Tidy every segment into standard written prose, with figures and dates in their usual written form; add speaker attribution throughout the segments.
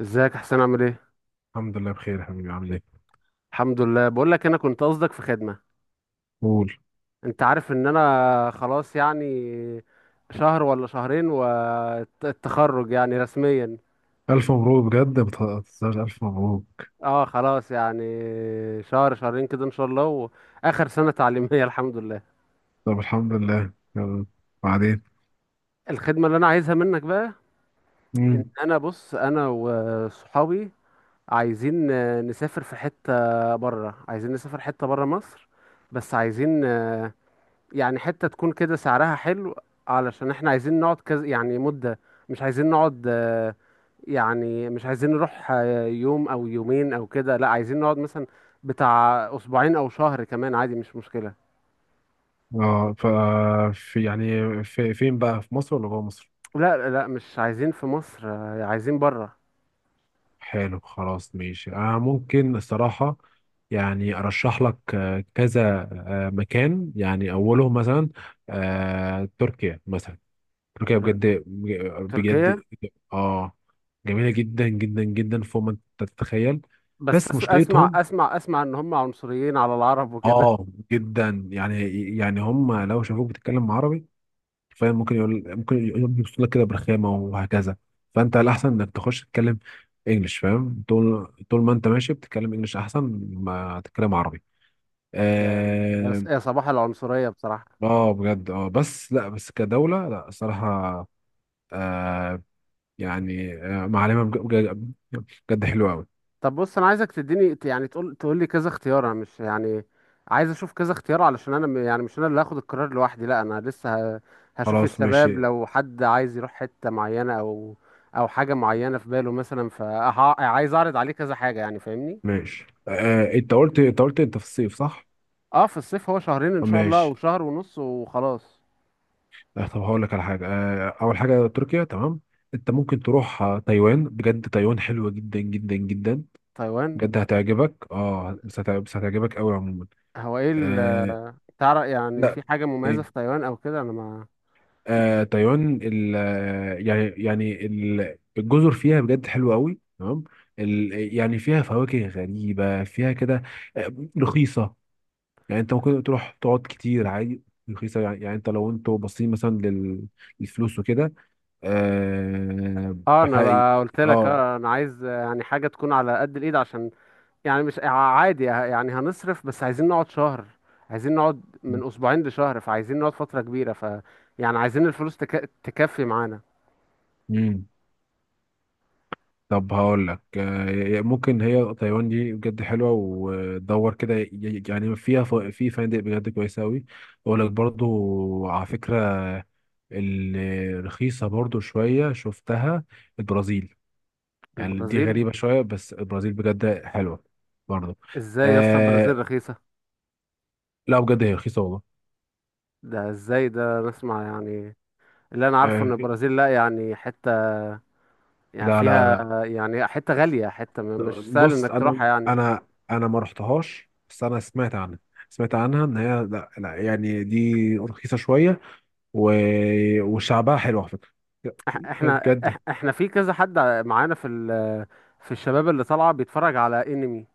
Speaker 1: ازيك يا حسين؟ عامل ايه؟
Speaker 2: الحمد لله بخير يا حبيبي، عامل ايه؟
Speaker 1: الحمد لله. بقول لك انا كنت قصدك في خدمة.
Speaker 2: قول.
Speaker 1: انت عارف ان انا خلاص، يعني شهر ولا شهرين والتخرج يعني رسميا.
Speaker 2: ألف مبروك بجد، بتهزرش، ألف مبروك.
Speaker 1: اه، خلاص يعني شهر شهرين كده ان شاء الله. واخر سنة تعليمية. الحمد لله.
Speaker 2: طب الحمد لله، يلا بعدين.
Speaker 1: الخدمة اللي انا عايزها منك بقى، ان
Speaker 2: مم.
Speaker 1: انا، بص، انا وصحابي عايزين نسافر في حتة بره. عايزين نسافر حتة بره مصر، بس عايزين يعني حتة تكون كده سعرها حلو، علشان احنا عايزين نقعد كذا يعني مدة. مش عايزين نقعد. يعني مش عايزين نروح يوم او يومين او كده، لا عايزين نقعد مثلا بتاع اسبوعين او شهر، كمان عادي، مش مشكلة.
Speaker 2: اه ف في يعني في فين بقى، في مصر ولا جوه مصر؟
Speaker 1: لا لا، مش عايزين في مصر، عايزين بره.
Speaker 2: حلو خلاص ماشي. أنا ممكن الصراحة يعني أرشح لك كذا مكان، يعني أولهم مثلا تركيا مثلا. تركيا بجد،
Speaker 1: تركيا.
Speaker 2: بجد اه جميلة جدا جدا جدا، فوق ما تتخيل.
Speaker 1: بس
Speaker 2: بس
Speaker 1: اسمع
Speaker 2: مشكلتهم
Speaker 1: اسمع اسمع، ان هم عنصريين على العرب وكده.
Speaker 2: اه جدا يعني. يعني هم لو شافوك بتتكلم عربي، فاهم، ممكن يقول يبص لك كده برخامه وهكذا. فانت الاحسن انك تخش تتكلم انجلش، فاهم، طول طول ما انت ماشي بتتكلم انجلش احسن ما تتكلم عربي.
Speaker 1: ده
Speaker 2: اه.
Speaker 1: يا صباح العنصرية بصراحة.
Speaker 2: بجد، بس لا، بس كدوله، لا الصراحه آه يعني معلمه بجد، بجد حلوه قوي.
Speaker 1: طب بص، انا عايزك تديني يعني تقول تقول لي كذا اختيار. انا مش يعني عايز اشوف كذا اختيار، علشان انا يعني مش انا اللي هاخد القرار لوحدي، لا انا لسه هشوف
Speaker 2: خلاص
Speaker 1: الشباب،
Speaker 2: ماشي.
Speaker 1: لو حد عايز يروح حتة معينة او، او حاجة معينة في باله مثلا، فعايز اعرض عليه كذا حاجة يعني، فاهمني.
Speaker 2: ماشي، انت قلت انت في الصيف، صح؟
Speaker 1: اه، في الصيف، هو شهرين ان شاء الله او
Speaker 2: ماشي.
Speaker 1: شهر ونص وخلاص.
Speaker 2: لا طب هقول لك على حاجه، اول حاجه تركيا، تمام. انت ممكن تروح تايوان، بجد تايوان حلوه جدا جدا جدا.
Speaker 1: تايوان.
Speaker 2: بجد هتعجبك. اه بس هتعجبك قوي عموما.
Speaker 1: هو ايه
Speaker 2: آه
Speaker 1: تعرف يعني
Speaker 2: لا،
Speaker 1: في حاجة مميزة
Speaker 2: إيه،
Speaker 1: في تايوان او كده؟ انا ما.
Speaker 2: تايوان ال آه، يعني يعني ال- الجزر فيها بجد حلوه قوي، تمام. يعني فيها فواكه غريبه، فيها كده، آه، رخيصه. يعني انت ممكن تروح تقعد كتير عادي، رخيصه. يعني انت، لو انتوا باصين مثلا للفلوس وكده. أه،
Speaker 1: اه، انا
Speaker 2: بحقيقي،
Speaker 1: بقى قلت لك،
Speaker 2: اه.
Speaker 1: اه انا عايز يعني حاجة تكون على قد الايد، عشان يعني مش عادي يعني هنصرف، بس عايزين نقعد شهر. عايزين نقعد من اسبوعين لشهر، فعايزين نقعد فترة كبيرة، ف يعني عايزين الفلوس تكفي معانا.
Speaker 2: مم. طب هقول لك، ممكن هي تايوان دي بجد حلوه، ودور كده. يعني فيها في فنادق بجد كويسه قوي. اقول لك برضو على فكره، الرخيصه برضو شويه شفتها، البرازيل. يعني دي
Speaker 1: البرازيل؟
Speaker 2: غريبه شويه، بس البرازيل بجد حلوه برضو.
Speaker 1: ازاي يا اسطى البرازيل
Speaker 2: أه،
Speaker 1: رخيصة؟
Speaker 2: لا بجد هي رخيصه والله.
Speaker 1: ده ازاي ده، نسمع يعني. اللي انا عارفه ان
Speaker 2: أه،
Speaker 1: البرازيل، لا يعني حتة، يعني
Speaker 2: لا لا
Speaker 1: فيها،
Speaker 2: لا.
Speaker 1: يعني حتة غالية، حتة مش سهل
Speaker 2: بص،
Speaker 1: انك
Speaker 2: انا
Speaker 1: تروحها يعني.
Speaker 2: انا انا ما رحتهاش، بس انا سمعت عنها. سمعت عنها ان هي، لا, لا يعني دي رخيصه شويه. و... وشعبها حلو على فكره. يا-
Speaker 1: إح- احنا إح-
Speaker 2: بجد.
Speaker 1: احنا في كذا حد معانا في في الشباب اللي طالعة بيتفرج على انمي،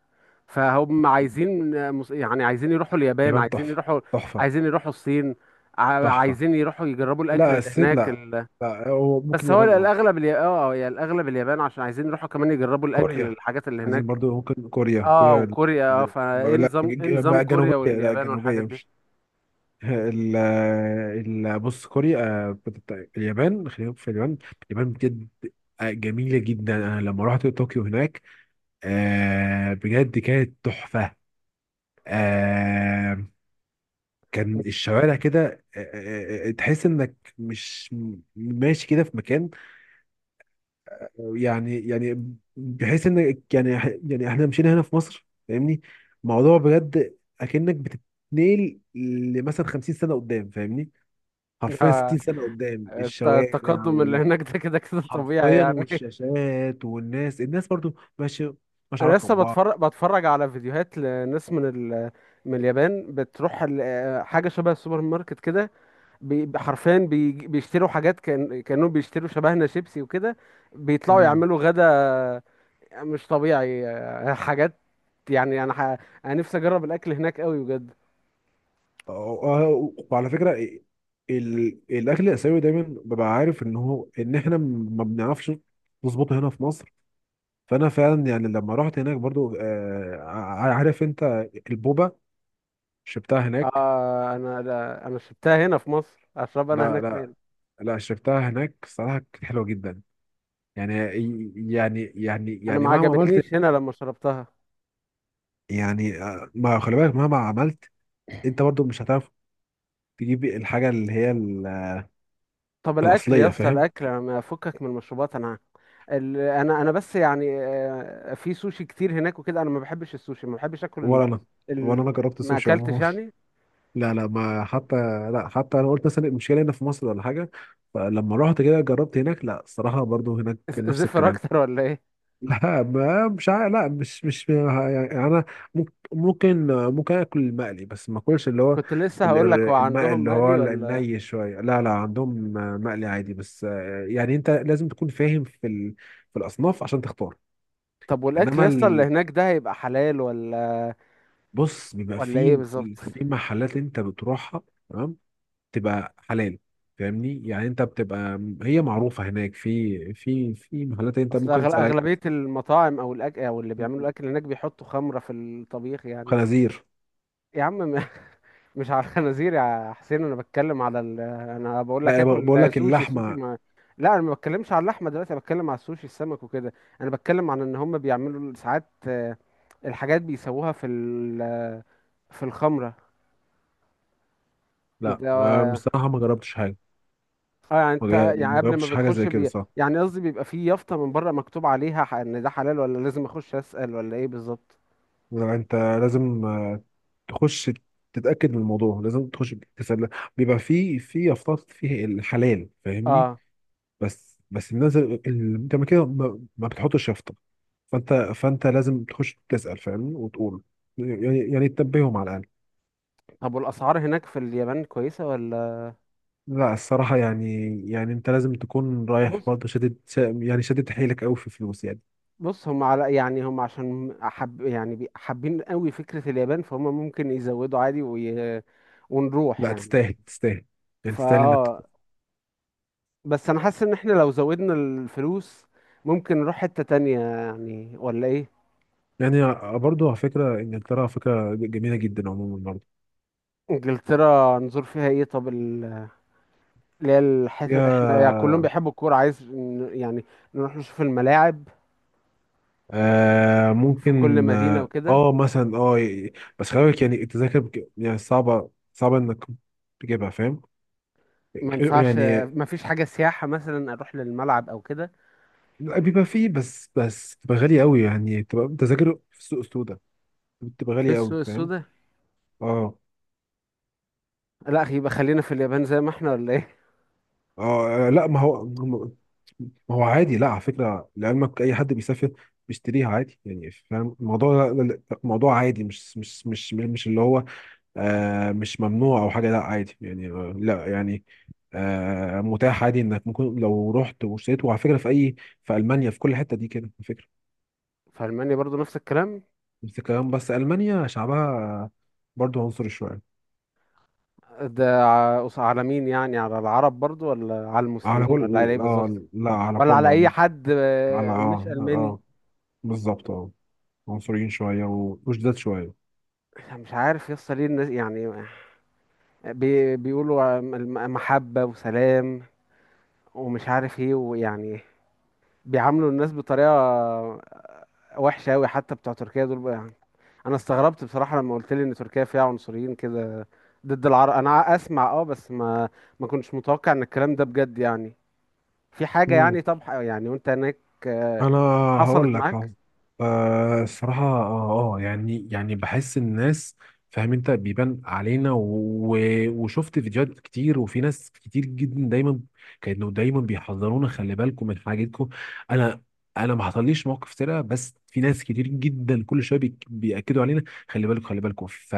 Speaker 1: فهم عايزين يعني عايزين يروحوا اليابان،
Speaker 2: اليابان
Speaker 1: عايزين
Speaker 2: تحفه،
Speaker 1: يروحوا،
Speaker 2: تحفه.
Speaker 1: عايزين يروحوا الصين،
Speaker 2: تحفه.
Speaker 1: عايزين يروحوا يجربوا الاكل
Speaker 2: لا،
Speaker 1: اللي
Speaker 2: الصين
Speaker 1: هناك
Speaker 2: لا. لا هو ممكن
Speaker 1: بس هو
Speaker 2: اليابان، اه.
Speaker 1: الاغلب اه يا الاغلب اليابان، عشان عايزين يروحوا كمان يجربوا الاكل،
Speaker 2: كوريا.
Speaker 1: الحاجات اللي
Speaker 2: عايزين
Speaker 1: هناك.
Speaker 2: برضو، ممكن كوريا،
Speaker 1: اه وكوريا، اه، فايه
Speaker 2: لا،
Speaker 1: نظام، ايه نظام
Speaker 2: لا،
Speaker 1: كوريا
Speaker 2: جنوبيه، لا
Speaker 1: واليابان والحاجات
Speaker 2: جنوبيه.
Speaker 1: دي؟
Speaker 2: ال ال بص، كوريا اليابان، خلينا في اليابان. اليابان بجد جميلة جدا. أنا لما رحت طوكيو هناك، بجد كانت تحفة. آه، كان الشوارع كده، تحس إنك مش ماشي كده في مكان. يعني بحيث إنك، يعني، يعني إحنا مشينا هنا في مصر، فاهمني. موضوع بجد أكنك بتتنقل لمثلا 50 سنة قدام، فاهمني، حرفيا
Speaker 1: آه،
Speaker 2: 60 سنة قدام الشوارع
Speaker 1: التقدم اللي هناك ده كده كده طبيعي
Speaker 2: حرفيا،
Speaker 1: يعني.
Speaker 2: والشاشات والناس، الناس برضو ماشي، مش
Speaker 1: انا
Speaker 2: علاقة
Speaker 1: لسه
Speaker 2: ببعض.
Speaker 1: بتفرج بتفرج على فيديوهات لناس من من اليابان، بتروح حاجه شبه السوبر ماركت كده، حرفيا بيشتروا حاجات، كانوا بيشتروا شبهنا شيبسي وكده، بيطلعوا
Speaker 2: مم.
Speaker 1: يعملوا غدا. مش طبيعي. حاجات، يعني انا انا نفسي اجرب الاكل هناك قوي بجد.
Speaker 2: أه- أه، وعلى فكرة، الأكل الآسيوي دايما ببقى عارف إن هو، إن إحنا ما بنعرفش نظبطه هنا في مصر. فأنا فعلا يعني لما رحت هناك برضو، عارف أنت، البوبا، شربتها هناك.
Speaker 1: آه، انا انا شربتها هنا في مصر، اشرب انا
Speaker 2: لا
Speaker 1: هناك
Speaker 2: لا،
Speaker 1: فين؟
Speaker 2: لا شربتها هناك صراحة، كانت حلوة جدا. يعني
Speaker 1: انا
Speaker 2: يعني
Speaker 1: ما
Speaker 2: مهما عملت،
Speaker 1: عجبتنيش هنا لما شربتها.
Speaker 2: يعني ما، خلي بالك، مهما عملت انت برضو مش هتعرف تجيب الحاجه اللي هي
Speaker 1: طب الاكل يا
Speaker 2: الاصليه،
Speaker 1: اسطى،
Speaker 2: فاهم.
Speaker 1: الاكل، انا ما افكك من المشروبات انا. انا بس يعني، في سوشي كتير هناك وكده، انا ما بحبش السوشي، ما بحبش اكل
Speaker 2: ولا انا،
Speaker 1: ال...
Speaker 2: جربت
Speaker 1: ما
Speaker 2: السوشي
Speaker 1: اكلتش
Speaker 2: عموما.
Speaker 1: يعني.
Speaker 2: لا لا، ما حتى، لا حتى انا قلت مثلا المشكله هنا في مصر ولا حاجه، فلما رحت كده جربت هناك، لا الصراحه برضو هناك نفس
Speaker 1: زفر
Speaker 2: الكلام.
Speaker 1: اكتر ولا ايه؟
Speaker 2: لا، مش عارف، لا مش يعني انا ممكن اكل المقلي، بس ما اكلش اللي هو
Speaker 1: كنت لسه هقول لك، هو
Speaker 2: المقلي
Speaker 1: عندهم
Speaker 2: اللي هو
Speaker 1: مقلي ولا؟
Speaker 2: الني شويه، لا لا عندهم مقلي عادي بس. يعني انت لازم تكون فاهم في في الاصناف عشان تختار.
Speaker 1: طب والاكل
Speaker 2: انما
Speaker 1: يا اسطى اللي هناك ده، هيبقى حلال، ولا
Speaker 2: بص بيبقى
Speaker 1: ولا ايه بالظبط؟
Speaker 2: في محلات انت بتروحها، تمام، تبقى حلال، فاهمني. يعني انت بتبقى هي معروفه هناك، في محلات انت
Speaker 1: اصل
Speaker 2: ممكن تسال عليها.
Speaker 1: اغلبيه المطاعم، او الاكل، او اللي بيعملوا الاكل هناك، بيحطوا خمره في الطبيخ يعني.
Speaker 2: خنازير.
Speaker 1: يا عم مش على الخنازير يا حسين، انا بتكلم على انا بقول لك
Speaker 2: لا، بقول
Speaker 1: اكل
Speaker 2: لك
Speaker 1: سوشي،
Speaker 2: اللحمه.
Speaker 1: ما. لا انا ما بتكلمش على اللحمه دلوقتي، انا بتكلم على السوشي، السمك وكده. انا بتكلم عن ان هم بيعملوا ساعات الحاجات بيسووها في في الخمره
Speaker 2: لا
Speaker 1: ده.
Speaker 2: بصراحة ما جربتش حاجة.
Speaker 1: اه يعني، انت يعني
Speaker 2: ما
Speaker 1: قبل ما
Speaker 2: جربتش حاجة
Speaker 1: بتخش
Speaker 2: زي كده، صح.
Speaker 1: يعني قصدي بيبقى فيه يافطة من بره مكتوب عليها ان ده حلال، ولا لازم اخش اسأل، ولا ايه بالظبط؟
Speaker 2: لا، انت لازم تخش تتأكد من الموضوع، لازم تخش تسأل. بيبقى في أفكار، فيه الحلال، فاهمني.
Speaker 1: اه.
Speaker 2: بس الناس اللي انت، ما كده، ما بتحطش يافطة. فانت لازم تخش تسأل، فاهمني، وتقول، يعني تنبههم على الأقل.
Speaker 1: طب والاسعار هناك في اليابان كويسة ولا؟
Speaker 2: لا الصراحة يعني، يعني انت لازم تكون رايح
Speaker 1: بص،
Speaker 2: برضه، يعني شادد حيلك قوي في فلوس يعني.
Speaker 1: هم على يعني، هم عشان حب يعني حابين قوي فكرة اليابان، فهم ممكن يزودوا عادي ونروح
Speaker 2: لا
Speaker 1: يعني.
Speaker 2: تستاهل، تستاهل، يعني
Speaker 1: فا
Speaker 2: تستاهل انك،
Speaker 1: اه، بس انا حاسس ان احنا لو زودنا الفلوس، ممكن نروح حتة تانية يعني، ولا ايه؟
Speaker 2: يعني، برضه على فكرة إنجلترا، على فكرة جميلة جدا عموما، برضه
Speaker 1: انجلترا نزور فيها ايه طب؟ اللي هي الحتت، احنا يعني كلهم
Speaker 2: فيها.
Speaker 1: بيحبوا الكورة، عايز يعني نروح نشوف الملاعب في كل
Speaker 2: ممكن،
Speaker 1: مدينة وكده.
Speaker 2: مثلا، بس خلي بالك، يعني التذاكر يعني صعبة، صعبة إنك تجيبها، فاهم.
Speaker 1: ما ينفعش؟
Speaker 2: يعني
Speaker 1: ما فيش حاجة سياحة مثلا اروح للملعب او كده؟
Speaker 2: لا، بيبقى فيه بس، تبقى غالية أوي، يعني تبقى تذاكر في السوق السوداء، بتبقى
Speaker 1: في
Speaker 2: غالية أوي،
Speaker 1: السوق
Speaker 2: فاهم.
Speaker 1: السوداء؟
Speaker 2: اه
Speaker 1: لا يبقى خلينا في اليابان زي ما احنا ولا ايه.
Speaker 2: اه، لا ما هو عادي، لا على فكره، لعلمك اي حد بيسافر بيشتريها عادي، يعني، فاهم الموضوع، موضوع عادي، مش، اللي هو مش ممنوع او حاجه، لا عادي يعني، لا يعني متاح عادي انك ممكن لو رحت واشتريت، وعلى فكره في اي، في المانيا، في كل حته دي كده، على فكره.
Speaker 1: في ألمانيا برضو نفس الكلام؟
Speaker 2: بس المانيا شعبها برضو عنصري شويه.
Speaker 1: ده على مين يعني؟ على العرب برضو، ولا على
Speaker 2: على
Speaker 1: المسلمين، ولا على ايه
Speaker 2: كل
Speaker 1: بالظبط؟
Speaker 2: اه لا على
Speaker 1: ولا
Speaker 2: كل
Speaker 1: على اي
Speaker 2: عموم.
Speaker 1: حد
Speaker 2: على اه
Speaker 1: مش ألماني؟
Speaker 2: اه بالظبط، اه، عنصريين شوية وشداد شوية.
Speaker 1: مش عارف يصل ليه الناس يعني، بيقولوا عن محبة وسلام ومش عارف ايه، ويعني بيعاملوا الناس بطريقة وحشة أوي. حتى بتوع تركيا دول بقى يعني، أنا استغربت بصراحة لما قلت لي إن تركيا فيها عنصريين كده ضد العرب. أنا أسمع أه، بس ما، ما كنتش متوقع إن الكلام ده بجد يعني في حاجة
Speaker 2: مم.
Speaker 1: يعني. طب يعني، وأنت هناك آه،
Speaker 2: أنا، هقول
Speaker 1: حصلت
Speaker 2: لك،
Speaker 1: معاك؟
Speaker 2: حظ. الصراحة يعني بحس الناس، فاهم، أنت بيبان علينا وشفت فيديوهات كتير، وفي ناس كتير جدا دايما، كانوا دايما بيحذرونا: خلي بالكم من حاجتكم. أنا، ما حصليش موقف سرقة، بس في ناس كتير جدا كل شوية بيأكدوا علينا، خلي بالكم، خلي بالكم.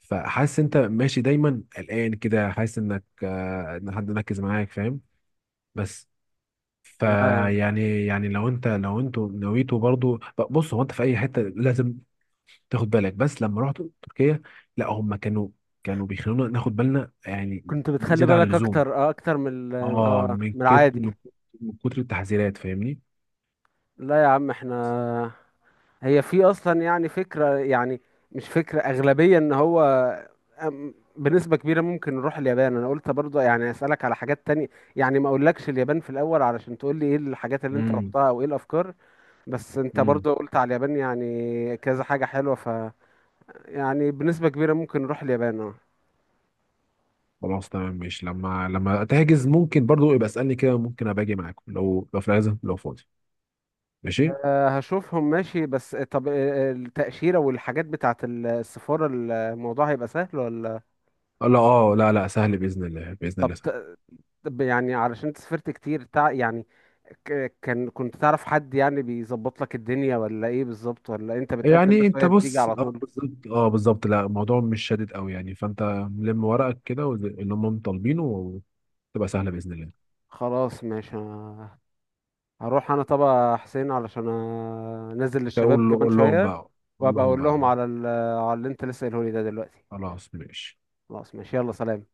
Speaker 2: فحاسس أنت ماشي دايما قلقان كده، حاسس إنك، إن حد مركز معاك، فاهم. بس
Speaker 1: لا يعني
Speaker 2: فيعني لو انتوا نويتوا برضو، بص، هو انت في اي حته لازم تاخد بالك. بس لما رحت تركيا، لا هم كانوا، بيخلونا ناخد بالنا، يعني،
Speaker 1: كنت بتخلي
Speaker 2: زياده عن
Speaker 1: بالك
Speaker 2: اللزوم،
Speaker 1: أكتر، أكتر من ال-
Speaker 2: اه،
Speaker 1: أه
Speaker 2: من
Speaker 1: من
Speaker 2: كت...
Speaker 1: العادي؟
Speaker 2: من من كتر التحذيرات، فاهمني.
Speaker 1: لا يا عم، إحنا هي في اصلا يعني فكره، يعني مش فكره، اغلبيه، ان هو، بنسبه كبيره ممكن نروح اليابان. انا قلت برضه يعني اسالك على حاجات تانية، يعني ما اقولكش اليابان في الاول علشان تقول لي ايه الحاجات اللي انت
Speaker 2: امم
Speaker 1: رحتها او ايه الافكار. بس انت
Speaker 2: امم.
Speaker 1: برضه قلت على اليابان يعني كذا حاجه حلوه، ف يعني بنسبه كبيره ممكن نروح اليابان اه.
Speaker 2: خلاص تمام ماشي، لما تحجز ممكن برضو يبقى اسالني كده، ممكن ابقى اجي معاكم، لو في العزم، لو فاضي. ماشي.
Speaker 1: آه، هشوفهم ماشي. بس طب التاشيره والحاجات بتاعه السفاره، الموضوع هيبقى سهل ولا؟
Speaker 2: لا اه، لا لا، سهل باذن الله، باذن
Speaker 1: طب،
Speaker 2: الله سهل.
Speaker 1: طب يعني علشان انت سافرت كتير، يعني ك... كان كنت تعرف حد يعني بيظبط لك الدنيا، ولا ايه بالظبط؟ ولا انت بتقدم بس
Speaker 2: يعني انت،
Speaker 1: وهي بتيجي
Speaker 2: بص،
Speaker 1: على
Speaker 2: اه
Speaker 1: طول؟
Speaker 2: بالظبط، لا الموضوع مش شادد قوي يعني، فانت لم ورقك كده اللي هم طالبينه، وتبقى سهله باذن الله.
Speaker 1: خلاص ماشي. أنا هروح انا طبعا حسين، علشان انزل للشباب كمان
Speaker 2: قول لهم
Speaker 1: شوية،
Speaker 2: بقى، قول
Speaker 1: وابقى
Speaker 2: لهم
Speaker 1: اقول
Speaker 2: بقى.
Speaker 1: لهم على على اللي انت لسه قايله لي ده دلوقتي.
Speaker 2: خلاص ماشي.
Speaker 1: خلاص ماشي، يلا سلام.